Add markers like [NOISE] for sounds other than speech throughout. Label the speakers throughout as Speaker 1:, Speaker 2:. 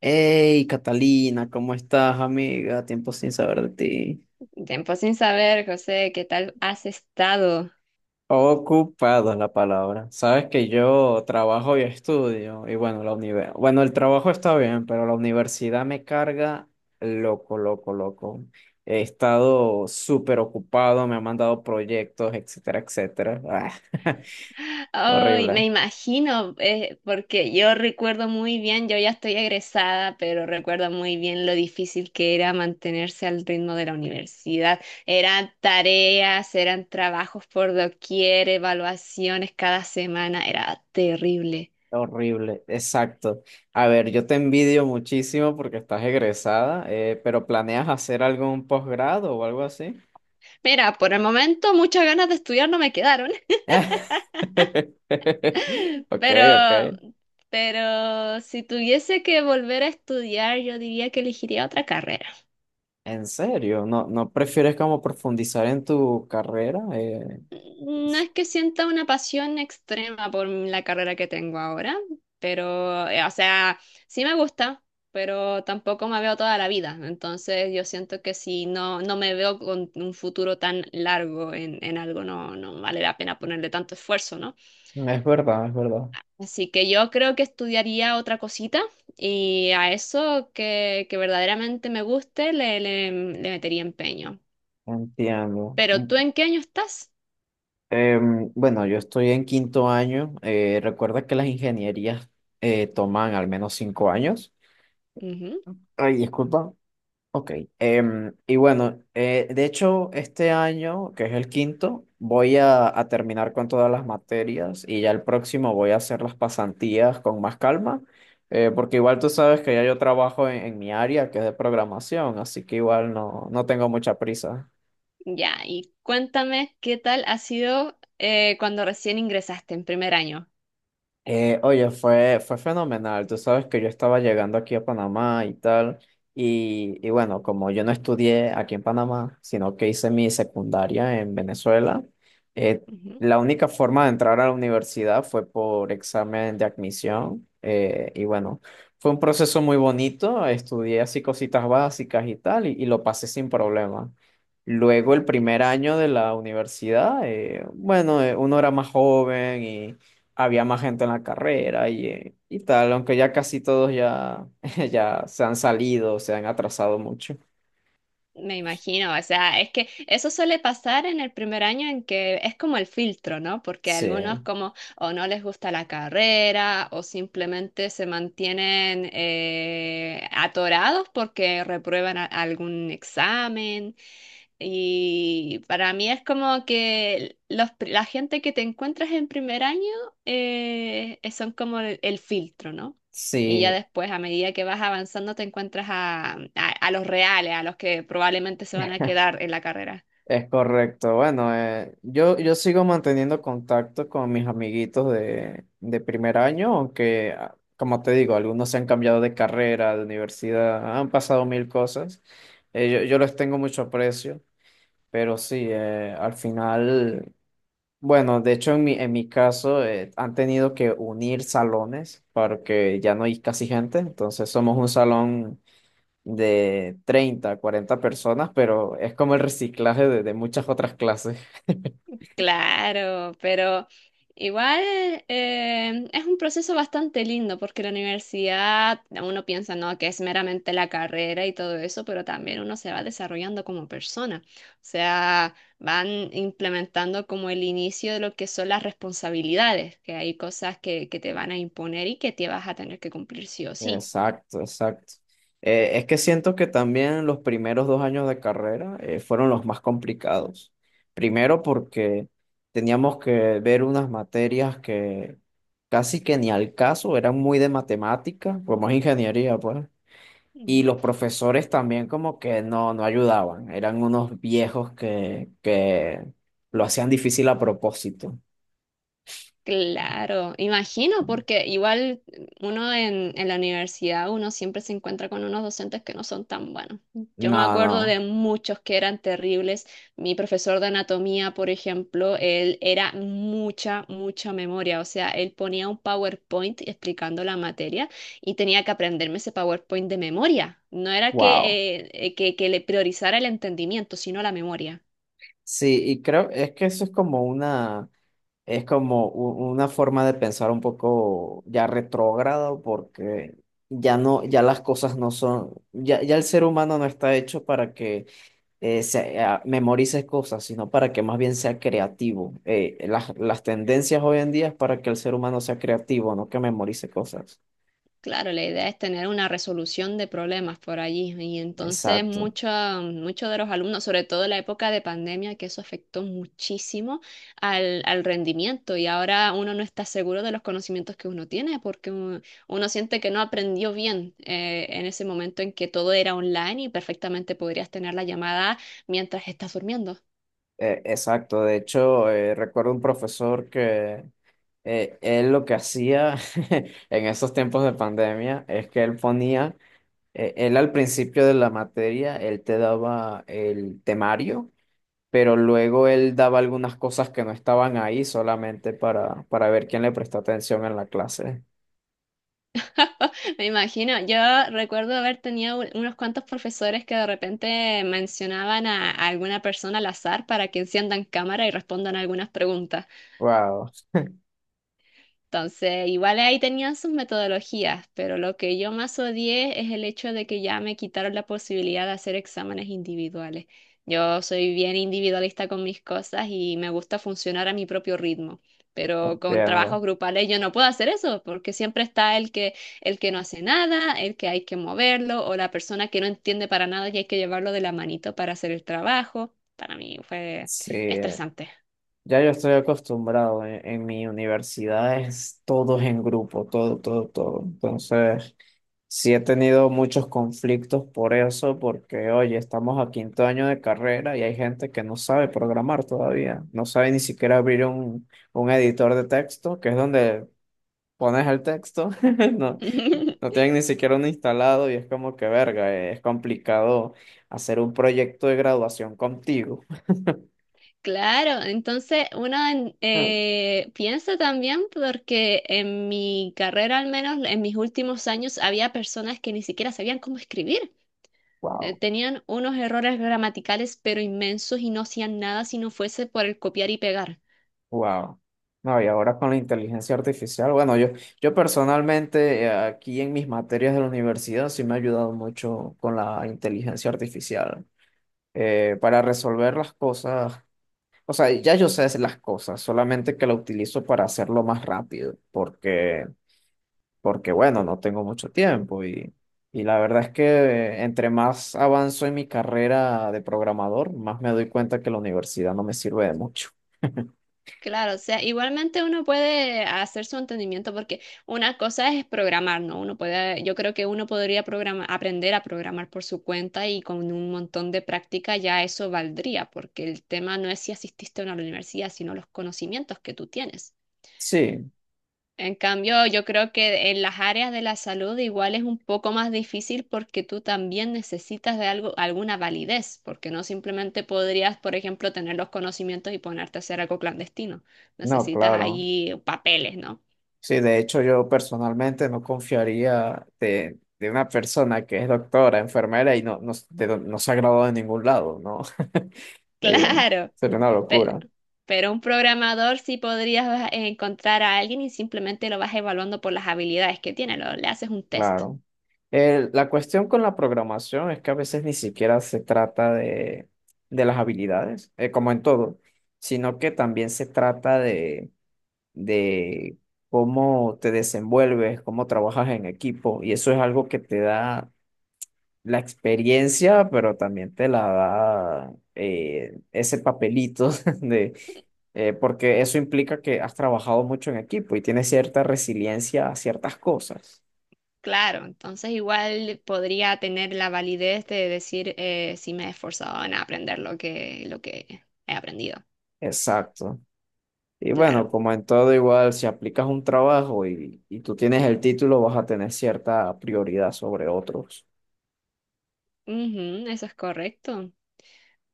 Speaker 1: Hey, Catalina, ¿cómo estás, amiga? Tiempo sin saber de ti.
Speaker 2: Tiempo sin saber, José, ¿qué tal has estado?
Speaker 1: Ocupada es la palabra. Sabes que yo trabajo y estudio, y bueno, la universidad. Bueno, el trabajo está bien, pero la universidad me carga loco, loco, loco. He estado súper ocupado, me han mandado proyectos, etcétera, etcétera. Ah, [LAUGHS]
Speaker 2: Ay, me
Speaker 1: horrible,
Speaker 2: imagino, porque yo recuerdo muy bien, yo ya estoy egresada, pero recuerdo muy bien lo difícil que era mantenerse al ritmo de la universidad. Eran tareas, eran trabajos por doquier, evaluaciones cada semana, era terrible.
Speaker 1: horrible, exacto. A ver, yo te envidio muchísimo porque estás egresada, pero ¿planeas hacer algún posgrado o algo así?
Speaker 2: Mira, por el momento muchas ganas de estudiar no me quedaron.
Speaker 1: [LAUGHS] Ok,
Speaker 2: Pero,
Speaker 1: ok.
Speaker 2: pero si tuviese que volver a estudiar, yo diría que elegiría otra carrera.
Speaker 1: ¿En serio? ¿No, no prefieres como profundizar en tu carrera?
Speaker 2: No
Speaker 1: Es
Speaker 2: es que sienta una pasión extrema por la carrera que tengo ahora, pero, o sea, sí me gusta, pero tampoco me veo toda la vida. Entonces yo siento que si no, no me veo con un futuro tan largo en algo, no, no vale la pena ponerle tanto esfuerzo, ¿no?
Speaker 1: es verdad, es verdad.
Speaker 2: Así que yo creo que estudiaría otra cosita y a eso que verdaderamente me guste le metería empeño.
Speaker 1: Entiendo.
Speaker 2: Pero
Speaker 1: Mm,
Speaker 2: ¿tú en qué año estás?
Speaker 1: em, bueno, yo estoy en quinto año. Recuerda que las ingenierías toman al menos 5 años.
Speaker 2: Ujú.
Speaker 1: Ay, disculpa. Ok, y bueno, de hecho este año, que es el quinto, voy a terminar con todas las materias y ya el próximo voy a hacer las pasantías con más calma, porque igual tú sabes que ya yo trabajo en mi área, que es de programación, así que igual no, no tengo mucha prisa.
Speaker 2: Ya, y cuéntame qué tal ha sido cuando recién ingresaste en primer año.
Speaker 1: Oye, fue fenomenal. Tú sabes que yo estaba llegando aquí a Panamá y tal. Y bueno, como yo no estudié aquí en Panamá, sino que hice mi secundaria en Venezuela, eh,
Speaker 2: Ujú.
Speaker 1: la única forma de entrar a la universidad fue por examen de admisión. Y bueno, fue un proceso muy bonito. Estudié así cositas básicas y tal, y lo pasé sin problema. Luego el
Speaker 2: Ok,
Speaker 1: primer
Speaker 2: nice.
Speaker 1: año de la universidad, bueno, uno era más joven. Había más gente en la carrera y tal, aunque ya casi todos ya, [LAUGHS] ya se han salido, se han atrasado mucho.
Speaker 2: Me imagino, o sea, es que eso suele pasar en el primer año en que es como el filtro, ¿no? Porque a
Speaker 1: Sí,
Speaker 2: algunos como o no les gusta la carrera o simplemente se mantienen atorados porque reprueban algún examen. Y para mí es como que los, la gente que te encuentras en primer año son como el filtro, ¿no? Y ya
Speaker 1: sí,
Speaker 2: después, a medida que vas avanzando, te encuentras a los reales, a los que probablemente se van a quedar en la carrera.
Speaker 1: es correcto. Bueno, yo sigo manteniendo contacto con mis amiguitos de primer año, aunque, como te digo, algunos se han cambiado de carrera, de universidad, han pasado mil cosas. Yo les tengo mucho aprecio, pero sí, al final. Bueno, de hecho en mi caso han tenido que unir salones porque ya no hay casi gente, entonces somos un salón de 30 40 personas, pero es como el reciclaje de muchas otras clases.
Speaker 2: Claro, pero igual es un proceso bastante lindo porque la universidad, uno piensa, no, que es meramente la carrera y todo eso, pero también uno se va desarrollando como persona. O sea, van implementando como el inicio de lo que son las responsabilidades, que hay cosas que te van a imponer y que te vas a tener que cumplir sí o sí.
Speaker 1: Exacto, exacto. Es que siento que también los primeros 2 años de carrera fueron los más complicados. Primero porque teníamos que ver unas materias que casi que ni al caso eran muy de matemática, como es ingeniería, pues. Y
Speaker 2: Ujú.
Speaker 1: los profesores también como que no, no ayudaban, eran unos viejos que lo hacían difícil a propósito.
Speaker 2: Claro, imagino, porque igual uno en la universidad, uno siempre se encuentra con unos docentes que no son tan buenos. Yo
Speaker 1: No,
Speaker 2: me acuerdo de
Speaker 1: no,
Speaker 2: muchos que eran terribles. Mi profesor de anatomía, por ejemplo, él era mucha, mucha memoria. O sea, él ponía un PowerPoint explicando la materia y tenía que aprenderme ese PowerPoint de memoria. No era
Speaker 1: wow.
Speaker 2: que le priorizara el entendimiento, sino la memoria.
Speaker 1: Sí, y creo, es que eso es como una, es como una forma de pensar un poco ya retrógrado porque ya no, ya las cosas no son, ya el ser humano no está hecho para que memorices cosas, sino para que más bien sea creativo. Las tendencias hoy en día es para que el ser humano sea creativo, no que memorice cosas.
Speaker 2: Claro, la idea es tener una resolución de problemas por allí. Y entonces
Speaker 1: Exacto,
Speaker 2: muchos de los alumnos, sobre todo en la época de pandemia, que eso afectó muchísimo al, al rendimiento. Y ahora uno no está seguro de los conocimientos que uno tiene porque uno, uno siente que no aprendió bien en ese momento en que todo era online y perfectamente podrías tener la llamada mientras estás durmiendo.
Speaker 1: exacto. De hecho, recuerdo un profesor que él lo que hacía [LAUGHS] en esos tiempos de pandemia es que él ponía, él al principio de la materia, él te daba el temario pero luego él daba algunas cosas que no estaban ahí solamente para ver quién le prestó atención en la clase.
Speaker 2: [LAUGHS] Me imagino, yo recuerdo haber tenido unos cuantos profesores que de repente mencionaban a alguna persona al azar para que enciendan cámara y respondan algunas preguntas.
Speaker 1: Wow,
Speaker 2: Entonces, igual ahí tenían sus metodologías, pero lo que yo más odié es el hecho de que ya me quitaron la posibilidad de hacer exámenes individuales. Yo soy bien individualista con mis cosas y me gusta funcionar a mi propio ritmo, pero con
Speaker 1: entiendo.
Speaker 2: trabajos grupales yo no puedo hacer eso porque siempre está el que no hace nada, el que hay que moverlo o la persona que no entiende para nada y hay que llevarlo de la manito para hacer el trabajo. Para mí fue
Speaker 1: Sí,
Speaker 2: estresante.
Speaker 1: ya yo estoy acostumbrado. En mi universidad es todos en grupo, todo, todo, todo. Entonces, sí he tenido muchos conflictos por eso, porque, oye, estamos a quinto año de carrera y hay gente que no sabe programar todavía, no sabe ni siquiera abrir un, editor de texto, que es donde pones el texto, [LAUGHS] no, No
Speaker 2: [LAUGHS]
Speaker 1: tienen ni siquiera uno instalado y es como que verga, es complicado hacer un proyecto de graduación contigo.
Speaker 2: Claro, entonces uno piensa también porque en mi carrera, al menos en mis últimos años, había personas que ni siquiera sabían cómo escribir.
Speaker 1: Wow,
Speaker 2: Tenían unos errores gramaticales pero inmensos y no hacían nada si no fuese por el copiar y pegar.
Speaker 1: wow. No, y ahora con la inteligencia artificial, bueno, yo personalmente aquí en mis materias de la universidad sí me ha ayudado mucho con la inteligencia artificial para resolver las cosas. O sea, ya yo sé hacer las cosas, solamente que la utilizo para hacerlo más rápido, porque bueno, no tengo mucho tiempo y la verdad es que entre más avanzo en mi carrera de programador, más me doy cuenta que la universidad no me sirve de mucho. [LAUGHS]
Speaker 2: Claro, o sea, igualmente uno puede hacer su entendimiento porque una cosa es programar, ¿no? Uno puede, yo creo que uno podría aprender a programar por su cuenta y con un montón de práctica ya eso valdría, porque el tema no es si asististe o no a la universidad, sino los conocimientos que tú tienes.
Speaker 1: Sí,
Speaker 2: En cambio, yo creo que en las áreas de la salud igual es un poco más difícil porque tú también necesitas de algo, alguna validez, porque no simplemente podrías, por ejemplo, tener los conocimientos y ponerte a hacer algo clandestino.
Speaker 1: no,
Speaker 2: Necesitas
Speaker 1: claro.
Speaker 2: ahí papeles, ¿no? [LAUGHS]
Speaker 1: Sí, de hecho yo personalmente no confiaría de una persona que es doctora, enfermera y no, no, no se ha graduado de ningún lado, ¿no? [LAUGHS] Eh,
Speaker 2: Claro,
Speaker 1: sería una
Speaker 2: pero,
Speaker 1: locura.
Speaker 2: pero un programador sí podrías encontrar a alguien y simplemente lo vas evaluando por las habilidades que tiene, le haces un test.
Speaker 1: Claro. La cuestión con la programación es que a veces ni siquiera se trata de las habilidades, como en todo, sino que también se trata de cómo te desenvuelves, cómo trabajas en equipo, y eso es algo que te da la experiencia, pero también te la da ese papelito [LAUGHS] de, porque eso implica que has trabajado mucho en equipo y tienes cierta resiliencia a ciertas cosas.
Speaker 2: Claro, entonces igual podría tener la validez de decir si me he esforzado en aprender lo que he aprendido.
Speaker 1: Exacto. Y bueno,
Speaker 2: Claro,
Speaker 1: como en todo igual, si aplicas un trabajo y tú tienes el título, vas a tener cierta prioridad sobre otros.
Speaker 2: ujú, eso es correcto.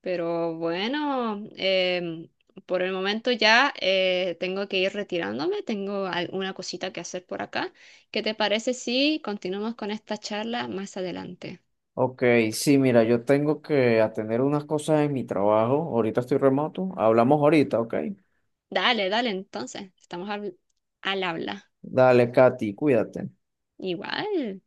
Speaker 2: Pero bueno, por el momento ya tengo que ir retirándome, tengo alguna cosita que hacer por acá. ¿Qué te parece si continuamos con esta charla más adelante?
Speaker 1: Ok, sí, mira, yo tengo que atender unas cosas en mi trabajo. Ahorita estoy remoto. Hablamos ahorita, ok.
Speaker 2: Dale, dale, entonces, estamos al al habla.
Speaker 1: Dale, Katy, cuídate.
Speaker 2: Igual.